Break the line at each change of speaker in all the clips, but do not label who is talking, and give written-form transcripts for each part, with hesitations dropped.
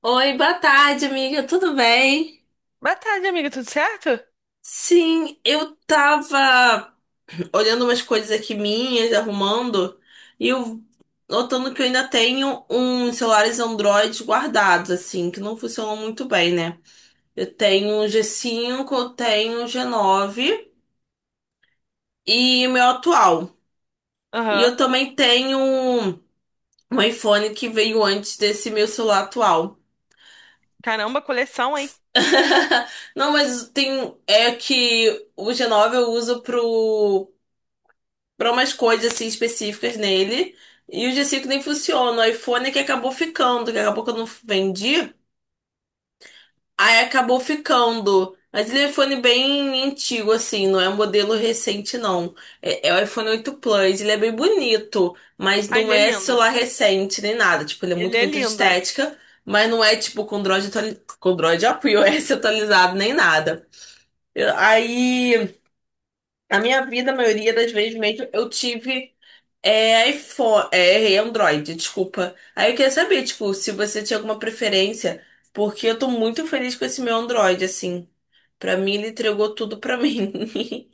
Oi, boa tarde, amiga. Tudo bem?
Boa tarde, amiga, tudo certo?
Sim, eu tava olhando umas coisas aqui minhas, arrumando, e eu notando que eu ainda tenho uns celulares Android guardados, assim, que não funcionam muito bem, né? Eu tenho um G5, eu tenho um G9 e o meu atual. E
Aham.
eu também tenho um iPhone que veio antes desse meu celular atual.
Caramba, coleção, hein?
Não, mas tem. É que o G9 eu uso pro pra umas coisas assim específicas nele. E o G5 nem funciona. O iPhone é que acabou ficando, que acabou que eu não vendi. Aí acabou ficando. Mas ele é um iPhone bem antigo, assim, não é um modelo recente, não. É o iPhone 8 Plus, ele é bem bonito, mas
Ah,
não
ele é
é
lindo.
celular recente nem nada. Tipo, ele é
Ele
muito,
é
muito de
lindo.
estética, mas não é, tipo, com Android, com Android, ó, com iOS atualizado nem nada. Aí, a minha vida, a maioria das vezes mesmo, eu tive. É iPhone, é, errei, Android, desculpa. Aí eu queria saber, tipo, se você tinha alguma preferência, porque eu tô muito feliz com esse meu Android, assim. Pra mim, ele entregou tudo pra mim.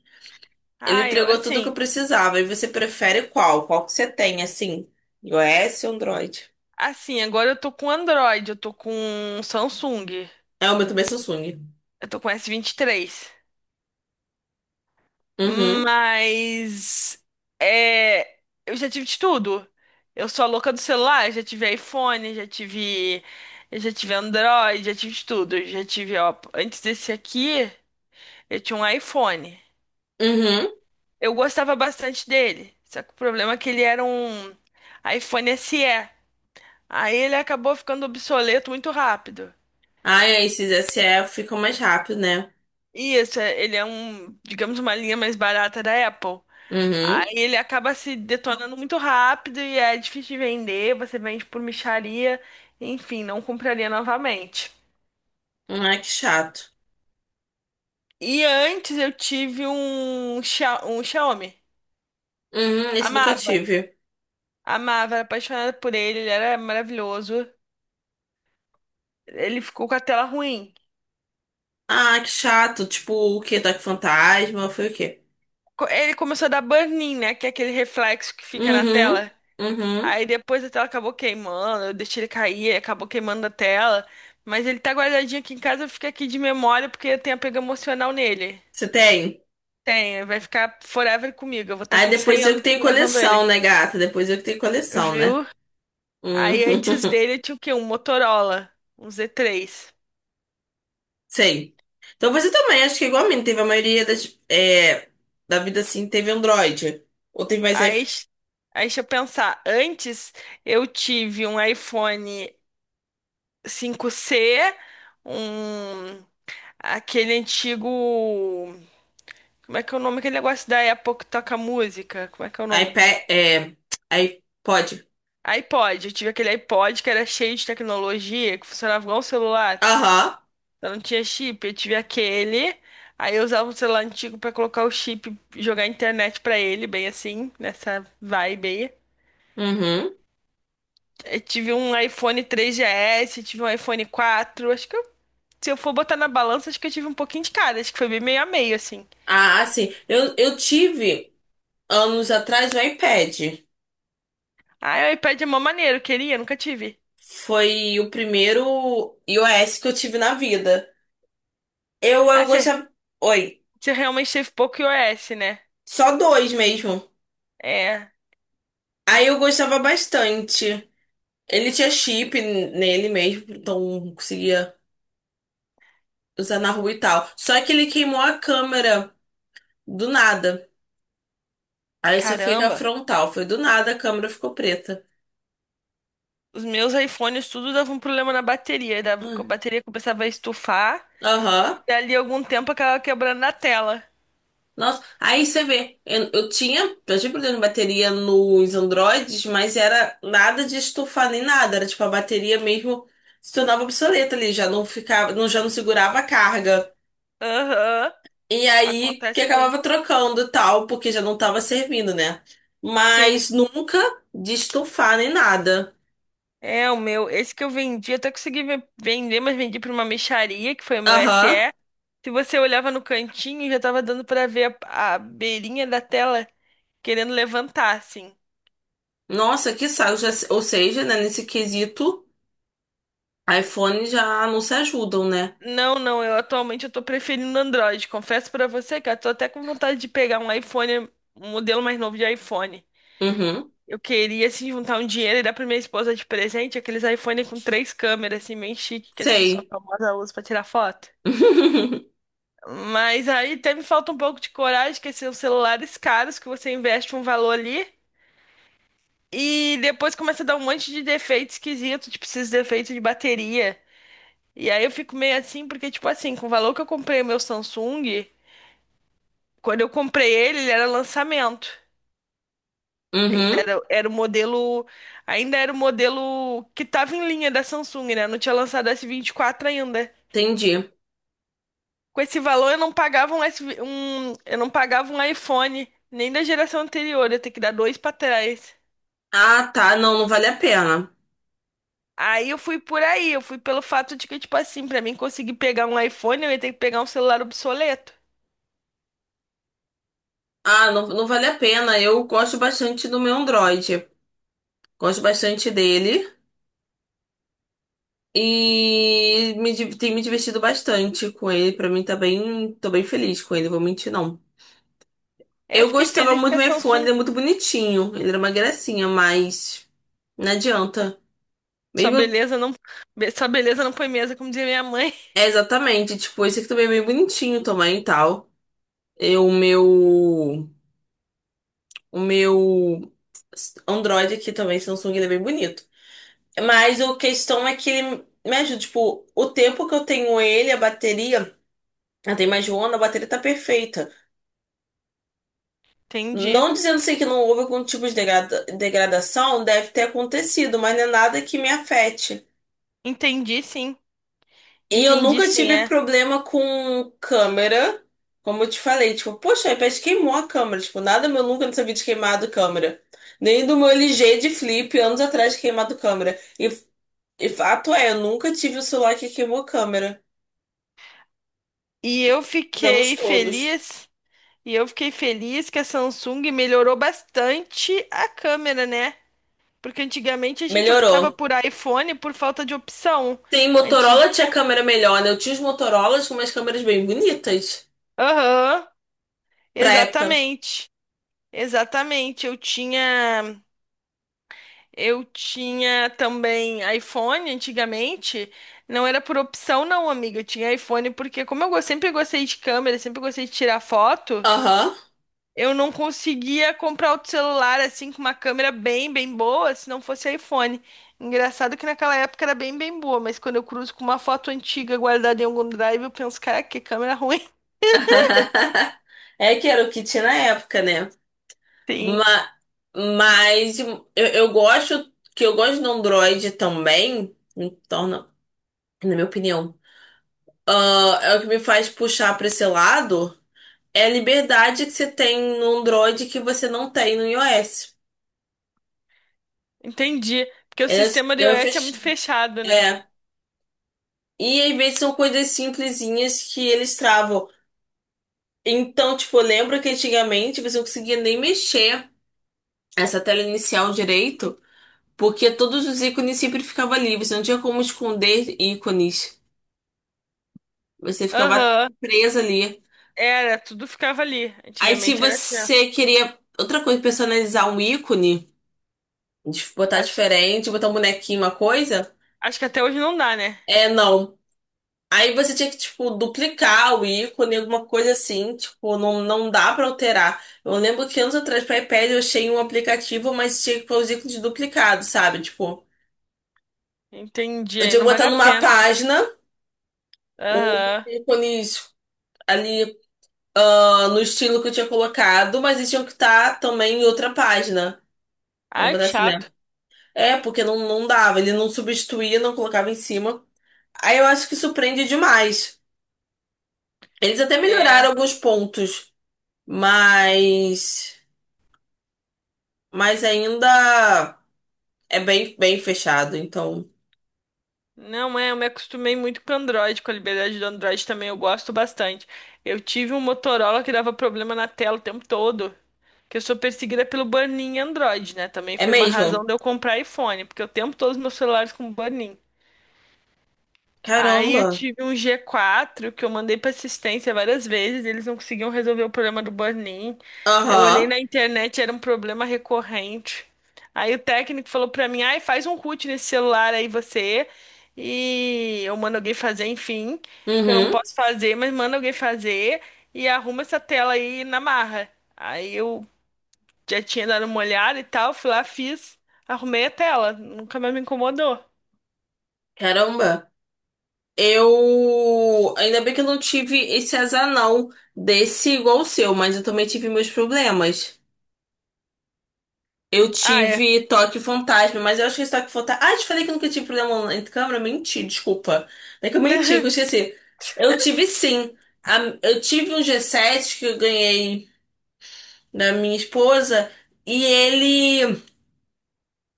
Ele
Ah, eu,
entregou tudo que
assim,
eu precisava. E você prefere qual? Qual que você tem, assim? iOS ou Android?
agora eu tô com Android, eu tô com Samsung,
É, o meu também é Samsung.
eu tô com S23.
Uhum,
Mas, é, eu já tive de tudo. Eu sou a louca do celular, já tive iPhone, eu já tive Android, já tive de tudo. Eu já tive, ó, antes desse aqui, eu tinha um iPhone.
uhum.
Eu gostava bastante dele. Só que o problema é que ele era um iPhone SE. Aí ele acabou ficando obsoleto muito rápido.
Ai, esses S SE ficam mais rápido, né?
E isso, ele é um, digamos, uma linha mais barata da Apple.
Uhum.
Aí ele acaba se detonando muito rápido e é difícil de vender. Você vende por mixaria. Enfim, não compraria novamente.
Ai, que chato.
E antes eu tive um Xiaomi.
Uhum, esse nunca
Amava,
tive.
amava, era apaixonada por ele, ele era maravilhoso. Ele ficou com a tela ruim.
Ah, que chato. Tipo, o quê? Toque Fantasma? Foi o quê?
Ele começou a dar burn-in, né? Que é aquele reflexo que fica na
Uhum,
tela.
uhum.
Aí depois a tela acabou queimando, eu deixei ele cair, aí acabou queimando a tela. Mas ele tá guardadinho aqui em casa, fica aqui de memória porque eu tem apego emocional nele.
Você tem?
Tem, vai ficar forever comigo. Eu vou estar
Aí
com
depois
100
eu que
anos
tenho
levando
coleção,
ele.
né, gata? Depois eu que tenho coleção, né?
Viu?
Hum.
Aí antes dele eu tinha o quê? Um Motorola, um Z3.
Sei. Então você também, acho que igual a mim, teve a maioria da vida assim, teve Android. Ou teve mais
Aí, s- aí, deixa eu pensar. Antes eu tive um iPhone 5C um aquele antigo. Como é que é o nome? Aquele negócio da Apple que toca música. Como é que é o nome?
iPad, é, iPod.
iPod. Eu tive aquele iPod que era cheio de tecnologia, que funcionava igual um celular.
Aham.
Eu não tinha chip. Eu tive aquele. Aí eu usava um celular antigo pra colocar o chip, jogar internet pra ele, bem assim, nessa vibe aí.
Uhum.
Eu tive um iPhone 3GS, tive um iPhone 4. Se eu for botar na balança, acho que eu tive um pouquinho de cada. Acho que foi bem meio a meio, assim.
Ah, sim. Eu tive anos atrás o iPad.
Ah, o iPad é mó maneiro, queria, nunca tive.
Foi o primeiro iOS que eu tive na vida. Eu
Ah, você
gostava. Oi.
Você realmente teve pouco iOS, né?
Só dois mesmo.
É,
Aí eu gostava bastante. Ele tinha chip nele mesmo, então conseguia usar na rua e tal. Só que ele queimou a câmera do nada. Aí só fica a
caramba.
frontal. Foi do nada, a câmera ficou preta.
Os meus iPhones tudo davam um problema na bateria. Dava, a
Hum.
bateria começava a estufar.
Aham.
E ali algum tempo acabava quebrando na tela.
Nossa. Aí você vê, eu tinha problema de bateria nos Androids, mas era nada de estufar nem nada. Era tipo a bateria mesmo se tornava obsoleta ali, já não ficava, não, já não segurava a carga.
Aham,
E aí que
acontece muito.
acabava trocando e tal, porque já não tava servindo, né?
Sim,
Mas nunca de estufar nem nada.
é o meu. Esse que eu vendi, até consegui vender, mas vendi pra uma mixaria, que foi o meu S
Aham.
SE. Se você olhava no cantinho, já tava dando pra ver a beirinha da tela querendo levantar, assim.
Nossa, que saco. Já, ou seja, né, nesse quesito, iPhone já não se ajudam, né?
Não, não, eu atualmente eu tô preferindo Android. Confesso pra você, cara, tô até com vontade de pegar um iPhone, um modelo mais novo de iPhone.
Uhum.
Eu queria, assim, juntar um dinheiro e dar pra minha esposa de presente aqueles iPhone com três câmeras, assim, bem chique, que as pessoas
Sei.
famosas usam pra tirar foto. Mas aí até me falta um pouco de coragem, que assim, são celulares caros, que você investe um valor ali e depois começa a dar um monte de defeito esquisito, tipo esses defeitos de bateria. E aí eu fico meio assim, porque, tipo assim, com o valor que eu comprei o meu Samsung. Quando eu comprei ele, ele era lançamento. Ainda
Uhum.
era, era o modelo, ainda era o modelo que tava em linha da Samsung, né? Não tinha lançado o S24 ainda.
Entendi.
Com esse valor, eu não pagava um, S, V um, eu não pagava um iPhone, nem da geração anterior, eu tenho que dar dois pra trás.
Ah, tá. Não, não vale a pena.
Aí eu fui por aí, eu fui pelo fato de que, tipo assim, pra mim conseguir pegar um iPhone, eu ia ter que pegar um celular obsoleto.
Ah, não, não vale a pena. Eu gosto bastante do meu Android. Gosto bastante dele. E tem me divertido bastante com ele. Pra mim tá bem, tô bem feliz com ele, vou mentir não.
Aí eu
Eu
fiquei
gostava
feliz
muito
que
do
a
meu iPhone,
Samsung,
ele é muito bonitinho. Ele era uma gracinha, mas não adianta.
sua
Mesmo,
beleza não, sua beleza não põe mesa, como dizia minha mãe.
exatamente, tipo, esse aqui também é bem bonitinho também e tal. E o meu Android aqui também, Samsung, ele é bem bonito. Mas a questão é que ele me ajuda, tipo, o tempo que eu tenho ele, a bateria, eu tem mais de um ano, a bateria tá perfeita.
Entendi.
Não dizendo assim que não houve algum tipo de degradação, deve ter acontecido, mas não é nada que me afete.
Entendi, sim.
E eu
Entendi
nunca
sim,
tive
é.
problema com câmera, como eu te falei, tipo, poxa, o iPad queimou a câmera, tipo, nada meu nunca não sabia de queimado câmera. Nem do meu LG de flip, anos atrás, de queimado câmera. E fato é, eu nunca tive o celular que queimou câmera,
E eu
os anos
fiquei
todos.
feliz, e eu fiquei feliz que a Samsung melhorou bastante a câmera, né? Porque antigamente a gente optava
Melhorou.
por iPhone por falta de opção.
Sim,
Anti...
Motorola tinha câmera melhor, né? Eu tinha os Motorolas com umas câmeras bem bonitas
Aham,
pra época.
exatamente. Exatamente. Eu tinha também iPhone antigamente. Não era por opção, não, amiga. Eu tinha iPhone porque, sempre gostei de câmera, sempre gostei de tirar foto.
Aham.
Eu não conseguia comprar outro celular assim com uma câmera bem, bem boa, se não fosse iPhone. Engraçado que naquela época era bem, bem boa, mas quando eu cruzo com uma foto antiga guardada em algum drive, eu penso, cara, que câmera ruim.
É que era o que tinha na época, né?
Sim,
Ma- Mas, eu gosto que eu gosto do Android também, me torna, na minha opinião, ah, é o que me faz puxar para esse lado é a liberdade que você tem no Android que você não tem no iOS.
entendi. Porque o
É,
sistema do
é,
iOS é muito
fech-
fechado, né?
é. E às vezes são coisas simplesinhas que eles travam. Então, tipo, eu lembro que antigamente você não conseguia nem mexer essa tela inicial direito. Porque todos os ícones sempre ficavam ali. Você não tinha como esconder ícones. Você ficava
Aham,
presa ali.
era, tudo ficava ali.
Aí, se
Antigamente era assim, ó.
você queria outra coisa, personalizar um ícone, botar
Acho,
diferente, botar um bonequinho, uma coisa,
acho que até hoje não dá, né?
é não. Aí você tinha que, tipo, duplicar o ícone, alguma coisa assim. Tipo, não, não dá pra alterar. Eu lembro que anos atrás, para iPad, eu achei um aplicativo, mas tinha que pôr os ícones duplicados, sabe? Tipo,
Entendi,
eu
aí
tinha que
não vale
botar
a
numa
pena.
página os
Aham.
ícones ali ah, no estilo que eu tinha colocado, mas eles tinham que estar também em outra página. Vamos
Ai, que
botar assim, né?
chato.
É, porque não, não dava, ele não substituía, não colocava em cima. Aí eu acho que surpreende demais. Eles até melhoraram
É.
alguns pontos, mas mas ainda é bem bem fechado, então
Não é, eu me acostumei muito com Android, com a liberdade do Android também eu gosto bastante. Eu tive um Motorola que dava problema na tela o tempo todo, que eu sou perseguida pelo burn-in em Android, né? Também
é
foi uma razão
mesmo.
de eu comprar iPhone, porque o tempo todo os meus celulares com burn-in. Aí eu
Caramba.
tive um G4 que eu mandei pra assistência várias vezes, eles não conseguiam resolver o problema do burn-in. Eu olhei
Aham.
na internet, era um problema recorrente. Aí o técnico falou pra mim: "Ai, faz um root nesse celular aí você". E eu mando alguém fazer, enfim, que eu não
Uhum.
posso fazer, mas manda alguém fazer e arruma essa tela aí na marra. Aí eu já tinha dado uma olhada e tal, fui lá, fiz, arrumei a tela, nunca mais me incomodou.
Caramba. Eu ainda bem que eu não tive esse azar não desse igual o seu, mas eu também tive meus problemas. Eu
Ah, é.
tive toque fantasma, mas eu acho que esse toque fantasma. Ah, te falei que eu nunca tive problema entre câmera? Menti, desculpa. Não é que eu menti, que eu esqueci. Eu tive sim. Eu tive um G7 que eu ganhei da minha esposa e ele.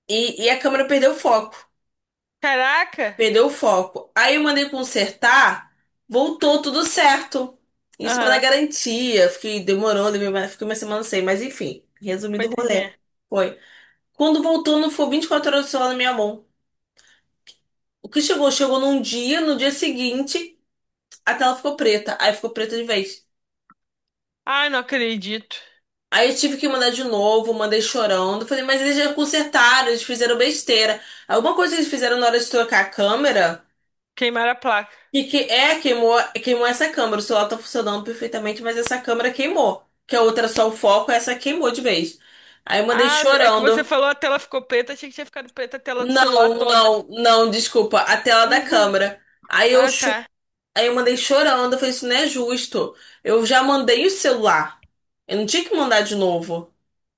E a câmera perdeu o foco.
Caraca!
Perdeu o foco. Aí eu mandei consertar, voltou tudo certo. Isso era na
Aham,
garantia. Fiquei demorou, fiquei uma semana sem, mas enfim, resumindo o
coitadinha.
rolê. Foi. Quando voltou, não foi 24 horas do celular na minha mão. O que chegou? Chegou num dia, no dia seguinte, a tela ficou preta. Aí ficou preta de vez.
Ai, não acredito.
Aí eu tive que mandar de novo, mandei chorando. Falei, mas eles já consertaram, eles fizeram besteira. Alguma coisa que eles fizeram na hora de trocar a câmera,
Queimaram a placa.
que, que é, queimou, queimou essa câmera. O celular tá funcionando perfeitamente, mas essa câmera queimou. Que a outra era só o foco, essa queimou de vez. Aí eu mandei
Ah, é que você
chorando.
falou a tela ficou preta, achei que tinha ficado preta a tela do celular
Não,
toda.
não, não, desculpa, a tela da câmera. Aí eu
Ah,
cho-
tá.
Aí eu mandei chorando, eu falei, isso não é justo. Eu já mandei o celular. Eu não tinha que mandar de novo.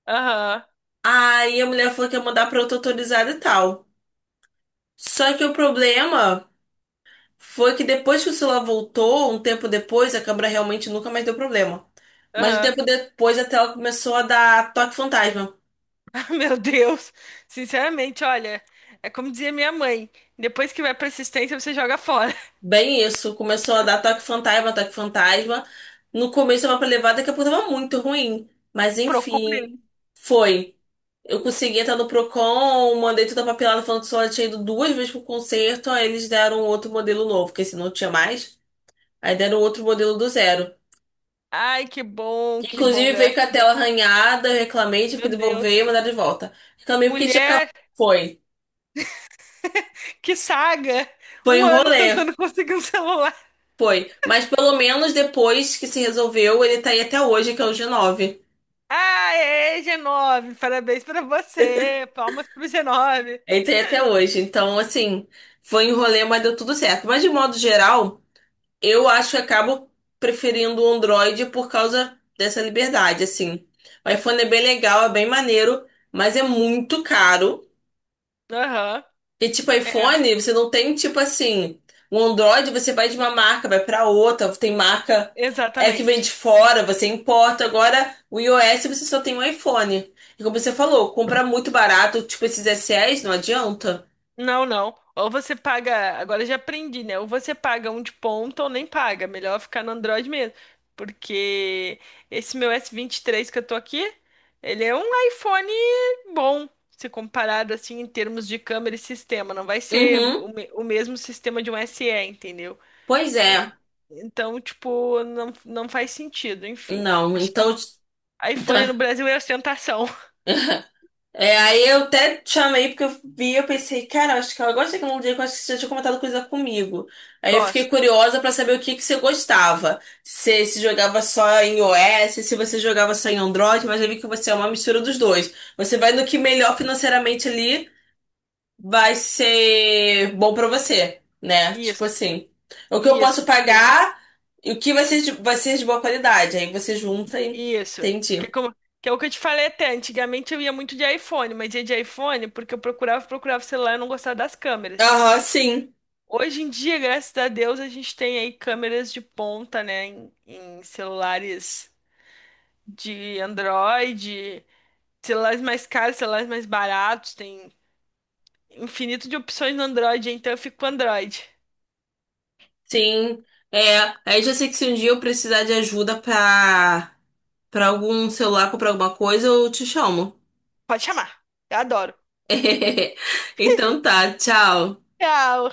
Aham,
Aí a mulher falou que ia mandar pra outra autorizada e tal. Só que o problema foi que depois que o celular voltou, um tempo depois, a câmera realmente nunca mais deu problema. Mas um
aham.
tempo depois a tela começou a dar toque fantasma.
Ah, meu Deus. Sinceramente, olha, é como dizia minha mãe: depois que vai pra assistência, você joga fora.
Bem isso, começou a dar toque fantasma, toque fantasma. No começo eu tava pra levar, daqui a pouco tava muito ruim. Mas
Procura
enfim,
ele.
foi. Eu consegui entrar no Procon, mandei toda a papelada falando que só tinha ido duas vezes pro concerto, aí eles deram outro modelo novo, porque esse não tinha mais. Aí deram outro modelo do zero.
Ai,
Que
que bom,
inclusive veio com
graças
a
a Deus.
tela arranhada, eu reclamei, tive que
Meu
devolver e
Deus.
mandar de volta. Reclamei porque tinha
Mulher,
acabado. Foi.
que saga!
Foi
Um
um
ano
rolê.
tentando conseguir um celular.
Foi. Mas pelo menos depois que se resolveu, ele tá aí até hoje, que é o G9.
Aê, G9, parabéns pra você. Palmas pro G9.
Ele tá aí até hoje. Então, assim, foi um rolê, mas deu tudo certo. Mas de modo geral. Eu acho que acabo preferindo o Android por causa dessa liberdade, assim. O iPhone é bem legal, é bem maneiro, mas é muito caro.
Aham,
E tipo,
é,
iPhone, você não tem tipo assim, o Android você vai de uma marca, vai pra outra, tem marca é que vem de
exatamente.
fora, você importa. Agora, o iOS você só tem um iPhone. E como você falou, comprar muito barato, tipo esses SEs, não adianta.
Não, não. Ou você paga, agora eu já aprendi, né? Ou você paga um de ponta ou nem paga. Melhor ficar no Android mesmo. Porque esse meu S23 que eu tô aqui, ele é um iPhone bom, se comparado assim em termos de câmera e sistema. Não vai ser
Uhum.
o, o mesmo sistema de um S SE, entendeu?
Pois
En-
é.
Então, tipo, não, não faz sentido, enfim.
Não, então
iPhone no Brasil é ostentação.
É, aí eu até te chamei porque eu vi, eu pensei, cara, acho que ela gosta de tecnologia, que eu acho que você já tinha comentado coisa comigo. Aí eu fiquei
Gosto.
curiosa pra saber o que que você gostava. Se jogava só em iOS, se você jogava só em Android, mas eu vi que você é uma mistura dos dois. Você vai no que melhor financeiramente ali vai ser bom pra você, né? Tipo
Isso,
assim, o que eu posso
isso, tipo,
pagar e o que vai ser de, boa qualidade. Aí você junta e
isso. Que é
entendi.
como, que é o que eu te falei até. Antigamente eu ia muito de iPhone, mas ia de iPhone porque eu procurava, procurava celular e não gostava das câmeras.
Aham, sim.
Hoje em dia, graças a Deus, a gente tem aí câmeras de ponta, né, em celulares de Android, celulares mais caros, celulares mais baratos, tem infinito de opções no Android, então eu fico com Android.
Sim, é. Aí já sei que se um dia eu precisar de ajuda pra, algum celular, comprar alguma coisa, eu te chamo.
Pode chamar, eu adoro.
Então tá, tchau.
Tchau.